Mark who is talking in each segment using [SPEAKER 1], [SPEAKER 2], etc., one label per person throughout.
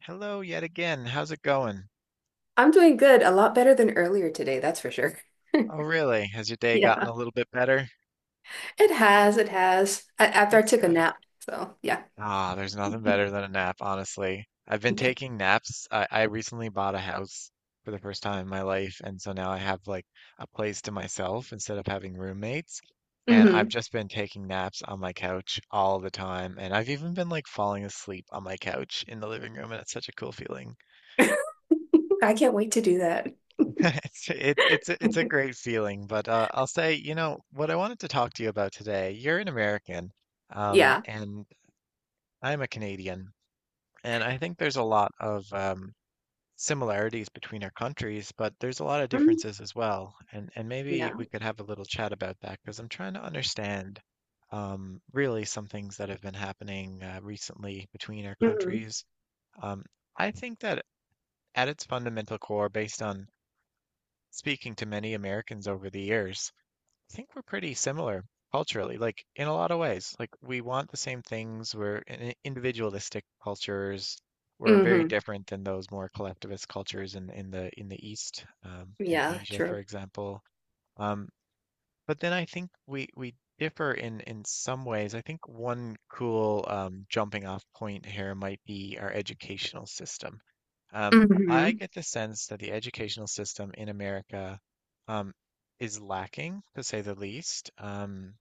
[SPEAKER 1] Hello yet again. How's it going?
[SPEAKER 2] I'm doing good, a lot better than earlier today, that's for sure.
[SPEAKER 1] Oh, really? Has your day gotten
[SPEAKER 2] Yeah.
[SPEAKER 1] a little bit better?
[SPEAKER 2] It has, it has. After I
[SPEAKER 1] That's
[SPEAKER 2] took a
[SPEAKER 1] good.
[SPEAKER 2] nap. So, yeah.
[SPEAKER 1] Ah, there's nothing better than a nap, honestly. I've been
[SPEAKER 2] Yeah.
[SPEAKER 1] taking naps. I recently bought a house for the first time in my life, and so now I have like a place to myself instead of having roommates. And I've
[SPEAKER 2] hmm
[SPEAKER 1] just been taking naps on my couch all the time, and I've even been like falling asleep on my couch in the living room, and it's such a cool feeling.
[SPEAKER 2] I can't wait to do that.
[SPEAKER 1] It's a great feeling, but I'll say, what I wanted to talk to you about today. You're an American,
[SPEAKER 2] Yeah.
[SPEAKER 1] and I'm a Canadian, and I think there's a lot of similarities between our countries, but there's a lot of
[SPEAKER 2] Mm,
[SPEAKER 1] differences as well. And maybe
[SPEAKER 2] yeah.
[SPEAKER 1] we could have a little chat about that because I'm trying to understand really some things that have been happening recently between our
[SPEAKER 2] hmm
[SPEAKER 1] countries. Um, I think that at its fundamental core, based on speaking to many Americans over the years. I think we're pretty similar culturally, like in a lot of ways. Like we want the same things. We're in- individualistic cultures. We're very
[SPEAKER 2] hmm
[SPEAKER 1] different than those more collectivist cultures in the East, in
[SPEAKER 2] Yeah,
[SPEAKER 1] Asia, for
[SPEAKER 2] true.
[SPEAKER 1] example. Um, but then I think we differ in some ways. I think one cool jumping off point here might be our educational system. I
[SPEAKER 2] Hmm
[SPEAKER 1] get the sense that the educational system in America um, is lacking, to say the least,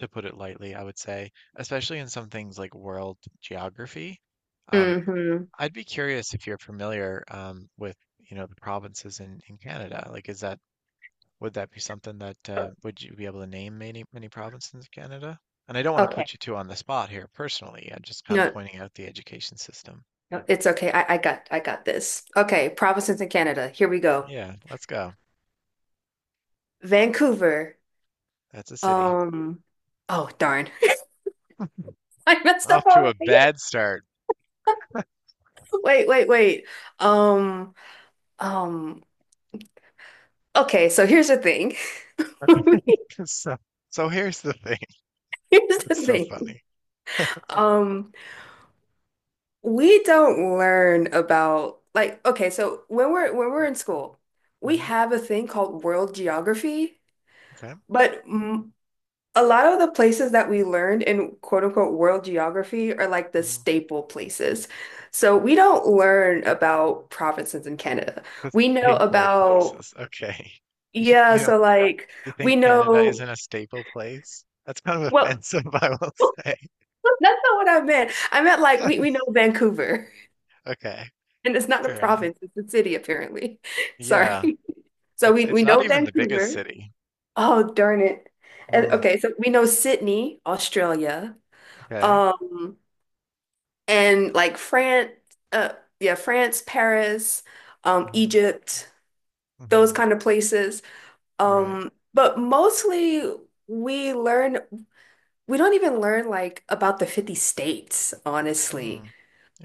[SPEAKER 1] to put it lightly, I would say, especially in some things like world geography. Um,
[SPEAKER 2] hmm
[SPEAKER 1] I'd be curious if you're familiar with, the provinces in Canada. Like, is that would that be something that would you be able to name many provinces in Canada? And I don't want to
[SPEAKER 2] Okay.
[SPEAKER 1] put you two on the spot here personally. I'm just kind of
[SPEAKER 2] No,
[SPEAKER 1] pointing out the education system.
[SPEAKER 2] no, it's okay. I got this. Okay, provinces in Canada. Here we go.
[SPEAKER 1] Yeah, let's go.
[SPEAKER 2] Vancouver.
[SPEAKER 1] That's a city.
[SPEAKER 2] Um, oh darn. I messed up
[SPEAKER 1] Off to a
[SPEAKER 2] already.
[SPEAKER 1] bad start.
[SPEAKER 2] Wait. Um, Um, okay, so here's the thing.
[SPEAKER 1] So, so here's the thing.
[SPEAKER 2] Here's the
[SPEAKER 1] That's so
[SPEAKER 2] thing.
[SPEAKER 1] funny.
[SPEAKER 2] Um, we don't learn about, like, okay, so when we're in school, we
[SPEAKER 1] Hmm.
[SPEAKER 2] have a thing called world geography,
[SPEAKER 1] Okay.
[SPEAKER 2] but a lot of the places that we learned in quote unquote world geography are like the
[SPEAKER 1] Hmm.
[SPEAKER 2] staple places. So we don't learn about provinces in Canada.
[SPEAKER 1] The
[SPEAKER 2] We know
[SPEAKER 1] staple
[SPEAKER 2] about,
[SPEAKER 1] places. Okay. You,
[SPEAKER 2] yeah,
[SPEAKER 1] you know,
[SPEAKER 2] so like
[SPEAKER 1] you think
[SPEAKER 2] we
[SPEAKER 1] Canada
[SPEAKER 2] know,
[SPEAKER 1] isn't a staple place? That's kind of
[SPEAKER 2] well,
[SPEAKER 1] offensive, I will say.
[SPEAKER 2] that's not what I meant. I meant like we, we know Vancouver,
[SPEAKER 1] Okay.
[SPEAKER 2] and it's not a
[SPEAKER 1] Fair enough.
[SPEAKER 2] province, it's a city apparently.
[SPEAKER 1] Yeah.
[SPEAKER 2] Sorry. So we,
[SPEAKER 1] It's
[SPEAKER 2] we
[SPEAKER 1] not
[SPEAKER 2] know
[SPEAKER 1] even the biggest
[SPEAKER 2] Vancouver.
[SPEAKER 1] city.
[SPEAKER 2] Oh, darn it. And,
[SPEAKER 1] Mm,
[SPEAKER 2] okay, so we know Sydney, Australia,
[SPEAKER 1] okay.
[SPEAKER 2] um, and like France, uh, yeah, France, Paris,
[SPEAKER 1] Hmm.
[SPEAKER 2] Egypt, those
[SPEAKER 1] Hmm.
[SPEAKER 2] kind of places.
[SPEAKER 1] Right.
[SPEAKER 2] But mostly we learn, we don't even learn like about the 50 states, honestly.
[SPEAKER 1] Mm,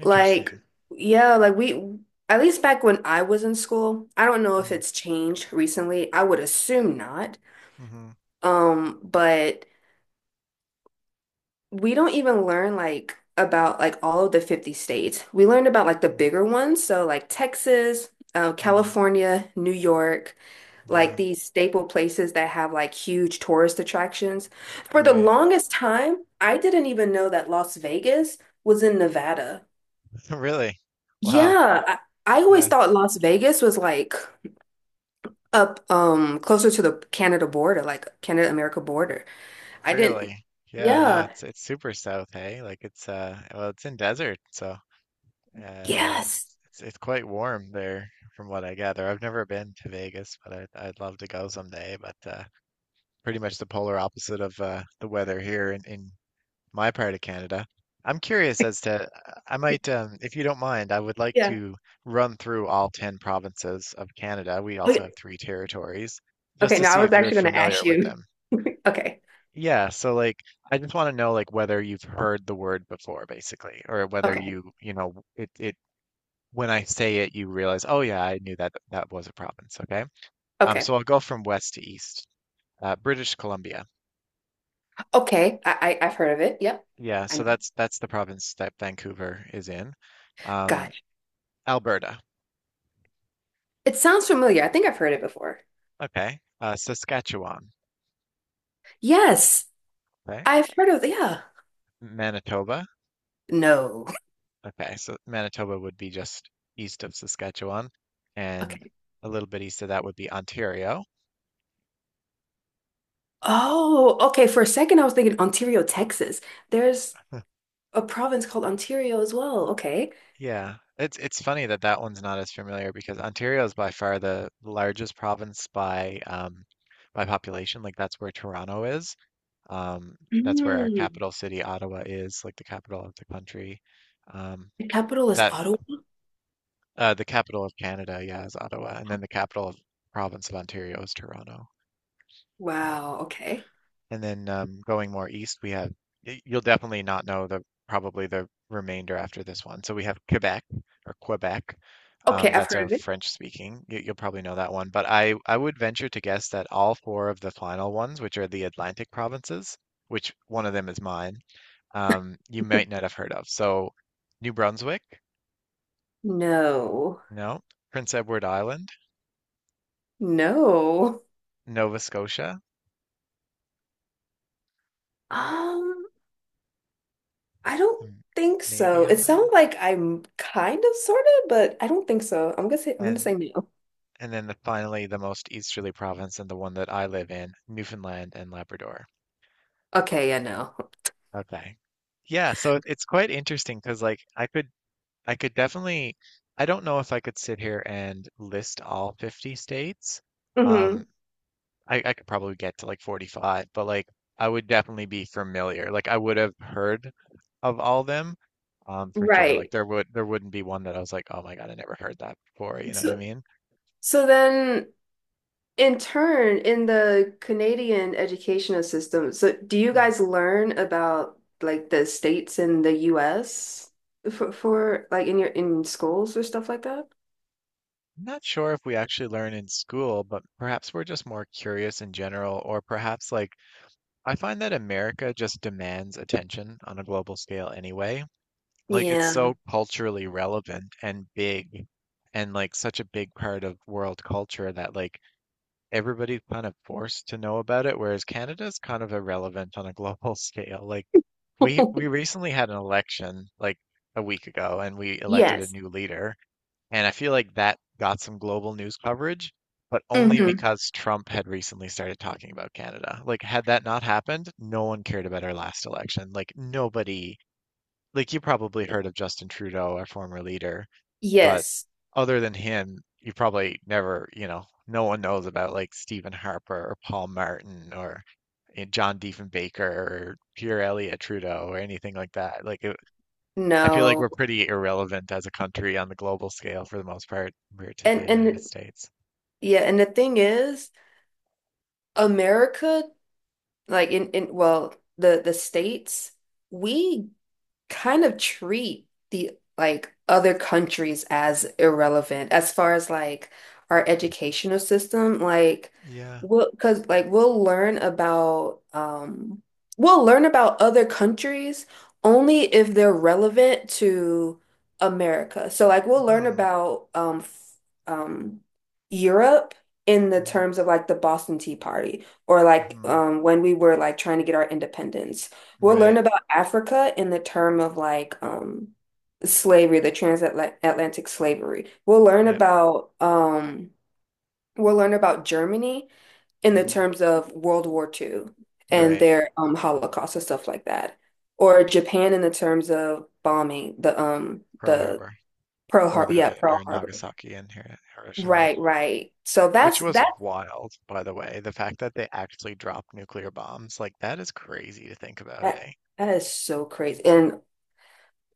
[SPEAKER 2] Like, yeah, like we, at least back when I was in school, I don't know if
[SPEAKER 1] Mm.
[SPEAKER 2] it's changed recently. I would assume not.
[SPEAKER 1] Hmm.
[SPEAKER 2] But we don't even learn like about like all of the 50 states. We learned about like the
[SPEAKER 1] Mm.
[SPEAKER 2] bigger ones, so like Texas,
[SPEAKER 1] Mm.
[SPEAKER 2] California, New York,
[SPEAKER 1] Yeah.
[SPEAKER 2] like these staple places that have like huge tourist attractions. For the
[SPEAKER 1] Right.
[SPEAKER 2] longest time, I didn't even know that Las Vegas was in Nevada.
[SPEAKER 1] Really? Wow.
[SPEAKER 2] Yeah, I always
[SPEAKER 1] Yeah.
[SPEAKER 2] thought Las Vegas was like up closer to the Canada border, like Canada America border. I didn't.
[SPEAKER 1] Really? Yeah, no,
[SPEAKER 2] Yeah.
[SPEAKER 1] it's super south, hey? Like it's well it's in desert, so uh
[SPEAKER 2] Yes.
[SPEAKER 1] it's quite warm there from what I gather. I've never been to Vegas, but I'd love to go someday, but pretty much the polar opposite of the weather here in my part of Canada. I'm curious as to I might if you don't mind, I would like
[SPEAKER 2] Yeah.
[SPEAKER 1] to run through all 10 provinces of Canada. We also have
[SPEAKER 2] Okay.
[SPEAKER 1] three territories, just
[SPEAKER 2] Okay,
[SPEAKER 1] to
[SPEAKER 2] now I
[SPEAKER 1] see
[SPEAKER 2] was
[SPEAKER 1] if you're
[SPEAKER 2] actually going to ask
[SPEAKER 1] familiar with
[SPEAKER 2] you.
[SPEAKER 1] them.
[SPEAKER 2] Okay.
[SPEAKER 1] Yeah, so like I just want to know like whether you've heard the word before basically or whether
[SPEAKER 2] Okay.
[SPEAKER 1] you, it it when I say it you realize, "Oh yeah, I knew that that was a province." Okay? Um
[SPEAKER 2] Okay.
[SPEAKER 1] so I'll go from west to east. British Columbia.
[SPEAKER 2] Okay. I've heard of it. Yep.
[SPEAKER 1] Yeah,
[SPEAKER 2] I
[SPEAKER 1] so
[SPEAKER 2] know.
[SPEAKER 1] that's the province that Vancouver is in. Um
[SPEAKER 2] Gosh.
[SPEAKER 1] Alberta.
[SPEAKER 2] It sounds familiar. I think I've heard it before.
[SPEAKER 1] Okay. Saskatchewan.
[SPEAKER 2] Yes.
[SPEAKER 1] Okay.
[SPEAKER 2] I've heard of, yeah.
[SPEAKER 1] Manitoba.
[SPEAKER 2] No.
[SPEAKER 1] Okay. So Manitoba would be just east of Saskatchewan and
[SPEAKER 2] Okay.
[SPEAKER 1] a little bit east of that would be Ontario.
[SPEAKER 2] Oh, okay. For a second I was thinking Ontario, Texas. There's a province called Ontario as well. Okay.
[SPEAKER 1] Yeah, it's funny that that one's not as familiar because Ontario is by far the largest province by population. Like that's where Toronto is. Um, that's where our
[SPEAKER 2] Mm.
[SPEAKER 1] capital city, Ottawa, is, like the capital of the country. Um,
[SPEAKER 2] The capital is
[SPEAKER 1] that
[SPEAKER 2] Ottawa?
[SPEAKER 1] the capital of Canada, yeah, is Ottawa, and then the capital of province of Ontario is Toronto. Yeah.
[SPEAKER 2] Wow, okay.
[SPEAKER 1] And then going more east, we have, y- you'll definitely not know the probably the remainder after this one. So we have Quebec or Quebec.
[SPEAKER 2] Okay, I've
[SPEAKER 1] That's
[SPEAKER 2] heard
[SPEAKER 1] our
[SPEAKER 2] of it.
[SPEAKER 1] French speaking. You'll probably know that one. But I would venture to guess that all four of the final ones, which are the Atlantic provinces, which one of them is mine, you might not have heard of. So New Brunswick,
[SPEAKER 2] No.
[SPEAKER 1] no. Prince Edward Island,
[SPEAKER 2] No.
[SPEAKER 1] Nova Scotia,
[SPEAKER 2] Um, I don't
[SPEAKER 1] m-
[SPEAKER 2] think
[SPEAKER 1] maybe
[SPEAKER 2] so.
[SPEAKER 1] on
[SPEAKER 2] It sounds like I'm kind of sort of, but I don't think so. I'm gonna say I'm gonna
[SPEAKER 1] and
[SPEAKER 2] say no.
[SPEAKER 1] And then the, finally, the most easterly province and the one that I live in, Newfoundland and Labrador.
[SPEAKER 2] Okay, yeah, no.
[SPEAKER 1] Okay. Yeah, so it- it's quite interesting because like I could definitely I don't know if I could sit here and list all 50 states.
[SPEAKER 2] hmm
[SPEAKER 1] Um I could probably get to like 45, but like I would definitely be familiar. Like I would have heard of all them, for sure. Like
[SPEAKER 2] Right.
[SPEAKER 1] there would there wouldn't be one that I was like, oh my God, I never heard that before. You know what I
[SPEAKER 2] So
[SPEAKER 1] mean?
[SPEAKER 2] so then, in the Canadian educational system, so do you
[SPEAKER 1] Hmm.
[SPEAKER 2] guys learn about like the states in the US for like in your in schools or stuff like that?
[SPEAKER 1] I'm not sure if we actually learn in school, but perhaps we're just more curious in general, or perhaps like I find that America just demands attention on a global scale anyway. Like it's
[SPEAKER 2] Yeah.
[SPEAKER 1] so culturally relevant and big and like such a big part of world culture that like everybody's kind of forced to know about it, whereas Canada's kind of irrelevant on a global scale. Like we recently had an election like a week ago and we elected a
[SPEAKER 2] Yes.
[SPEAKER 1] new leader, and I feel like that got some global news coverage, but only
[SPEAKER 2] hmm
[SPEAKER 1] because Trump had recently started talking about Canada. Like had that not happened, no one cared about our last election. Like nobody like you probably heard of Justin Trudeau, our former leader, but
[SPEAKER 2] Yes.
[SPEAKER 1] other than him, you probably never, you know, no one knows about like Stephen Harper or Paul Martin or John Diefenbaker or Pierre Elliott Trudeau or anything like that. Like it, I feel like we're
[SPEAKER 2] No.
[SPEAKER 1] pretty irrelevant as a country on the global scale for the most part compared to the
[SPEAKER 2] And
[SPEAKER 1] United
[SPEAKER 2] and
[SPEAKER 1] States.
[SPEAKER 2] yeah, and the thing is, America, like in, well, the states, we kind of treat the, like, other countries as irrelevant as far as like our educational system, like
[SPEAKER 1] Yeah.
[SPEAKER 2] we'll because like we'll learn about other countries only if they're relevant to America, so like we'll learn
[SPEAKER 1] Hmm.
[SPEAKER 2] about um Europe in the
[SPEAKER 1] Hmm.
[SPEAKER 2] terms of like the Boston Tea Party or like
[SPEAKER 1] Hmm.
[SPEAKER 2] when we were like trying to get our independence. We'll learn
[SPEAKER 1] Right.
[SPEAKER 2] about Africa in the term of like slavery, the transatlantic slavery. We'll learn
[SPEAKER 1] Yeah.
[SPEAKER 2] about um we'll learn about Germany in the
[SPEAKER 1] Hmm.
[SPEAKER 2] terms of World War Two and
[SPEAKER 1] Right.
[SPEAKER 2] their Holocaust and stuff like that. Or Japan in the terms of bombing,
[SPEAKER 1] Pearl
[SPEAKER 2] the
[SPEAKER 1] Harbor
[SPEAKER 2] Pearl
[SPEAKER 1] or
[SPEAKER 2] Harbor, yeah,
[SPEAKER 1] the
[SPEAKER 2] Pearl
[SPEAKER 1] or
[SPEAKER 2] Harbor.
[SPEAKER 1] Nagasaki and Hir- Hiroshima.
[SPEAKER 2] Right, right. So
[SPEAKER 1] Which
[SPEAKER 2] that's
[SPEAKER 1] was
[SPEAKER 2] that,
[SPEAKER 1] wild, by the way. The fact that they actually dropped nuclear bombs, like that is crazy to think about,
[SPEAKER 2] that
[SPEAKER 1] hey?
[SPEAKER 2] that is so crazy. And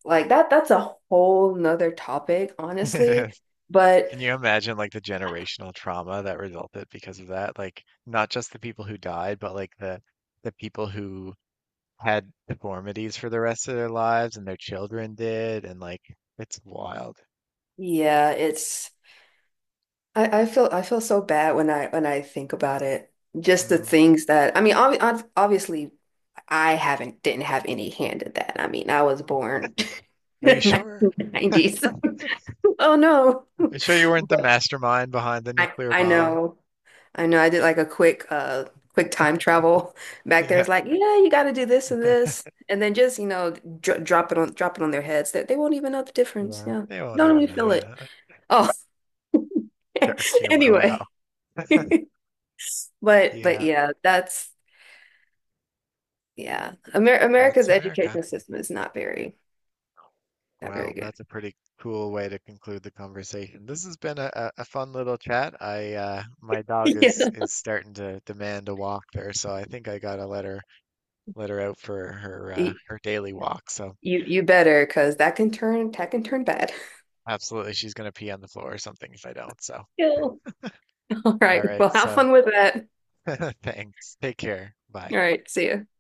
[SPEAKER 2] like that that's a whole nother topic,
[SPEAKER 1] It
[SPEAKER 2] honestly.
[SPEAKER 1] is.
[SPEAKER 2] But
[SPEAKER 1] Can you imagine like the generational trauma that resulted because of that? Like not just the people who died, but like the people who had deformities for the rest of their lives and their children did, and like it's wild.
[SPEAKER 2] yeah, it's, I feel so bad when I think about it. Just the
[SPEAKER 1] Mm.
[SPEAKER 2] things that I mean, obviously I haven't didn't have any hand in that. I mean, I was born
[SPEAKER 1] Are you
[SPEAKER 2] in
[SPEAKER 1] sure?
[SPEAKER 2] 1990s. Oh no.
[SPEAKER 1] Are you sure you weren't the
[SPEAKER 2] But
[SPEAKER 1] mastermind behind the nuclear
[SPEAKER 2] I
[SPEAKER 1] bomb?
[SPEAKER 2] know. I know I did like a quick quick time travel back there.
[SPEAKER 1] Yeah.
[SPEAKER 2] It's like, yeah, you got to do this and this and then, just, you know, dr drop it on, drop it on their heads, that they won't even know the difference.
[SPEAKER 1] Yeah.
[SPEAKER 2] Yeah.
[SPEAKER 1] They won't
[SPEAKER 2] Don't
[SPEAKER 1] even
[SPEAKER 2] even
[SPEAKER 1] know,
[SPEAKER 2] feel
[SPEAKER 1] you
[SPEAKER 2] it.
[SPEAKER 1] know.
[SPEAKER 2] Oh,
[SPEAKER 1] Dark humor, wow.
[SPEAKER 2] anyway. But
[SPEAKER 1] Yeah.
[SPEAKER 2] yeah, that's, yeah, Amer America's
[SPEAKER 1] That's America.
[SPEAKER 2] education system is not very, not very
[SPEAKER 1] Well,
[SPEAKER 2] good.
[SPEAKER 1] that's a pretty cool way to conclude the conversation. This has been a fun little chat. I my dog is
[SPEAKER 2] Yeah.
[SPEAKER 1] is starting to demand a walk there, so I think I gotta let her out for her
[SPEAKER 2] Y-
[SPEAKER 1] her daily walk. So
[SPEAKER 2] You you better, because that can turn, that can turn bad.
[SPEAKER 1] absolutely, she's gonna pee on the floor or something if I don't. So
[SPEAKER 2] Yeah. All
[SPEAKER 1] all
[SPEAKER 2] right.
[SPEAKER 1] right,
[SPEAKER 2] Well, have
[SPEAKER 1] so
[SPEAKER 2] fun with that.
[SPEAKER 1] thanks. Take care. Bye.
[SPEAKER 2] All right. See ya.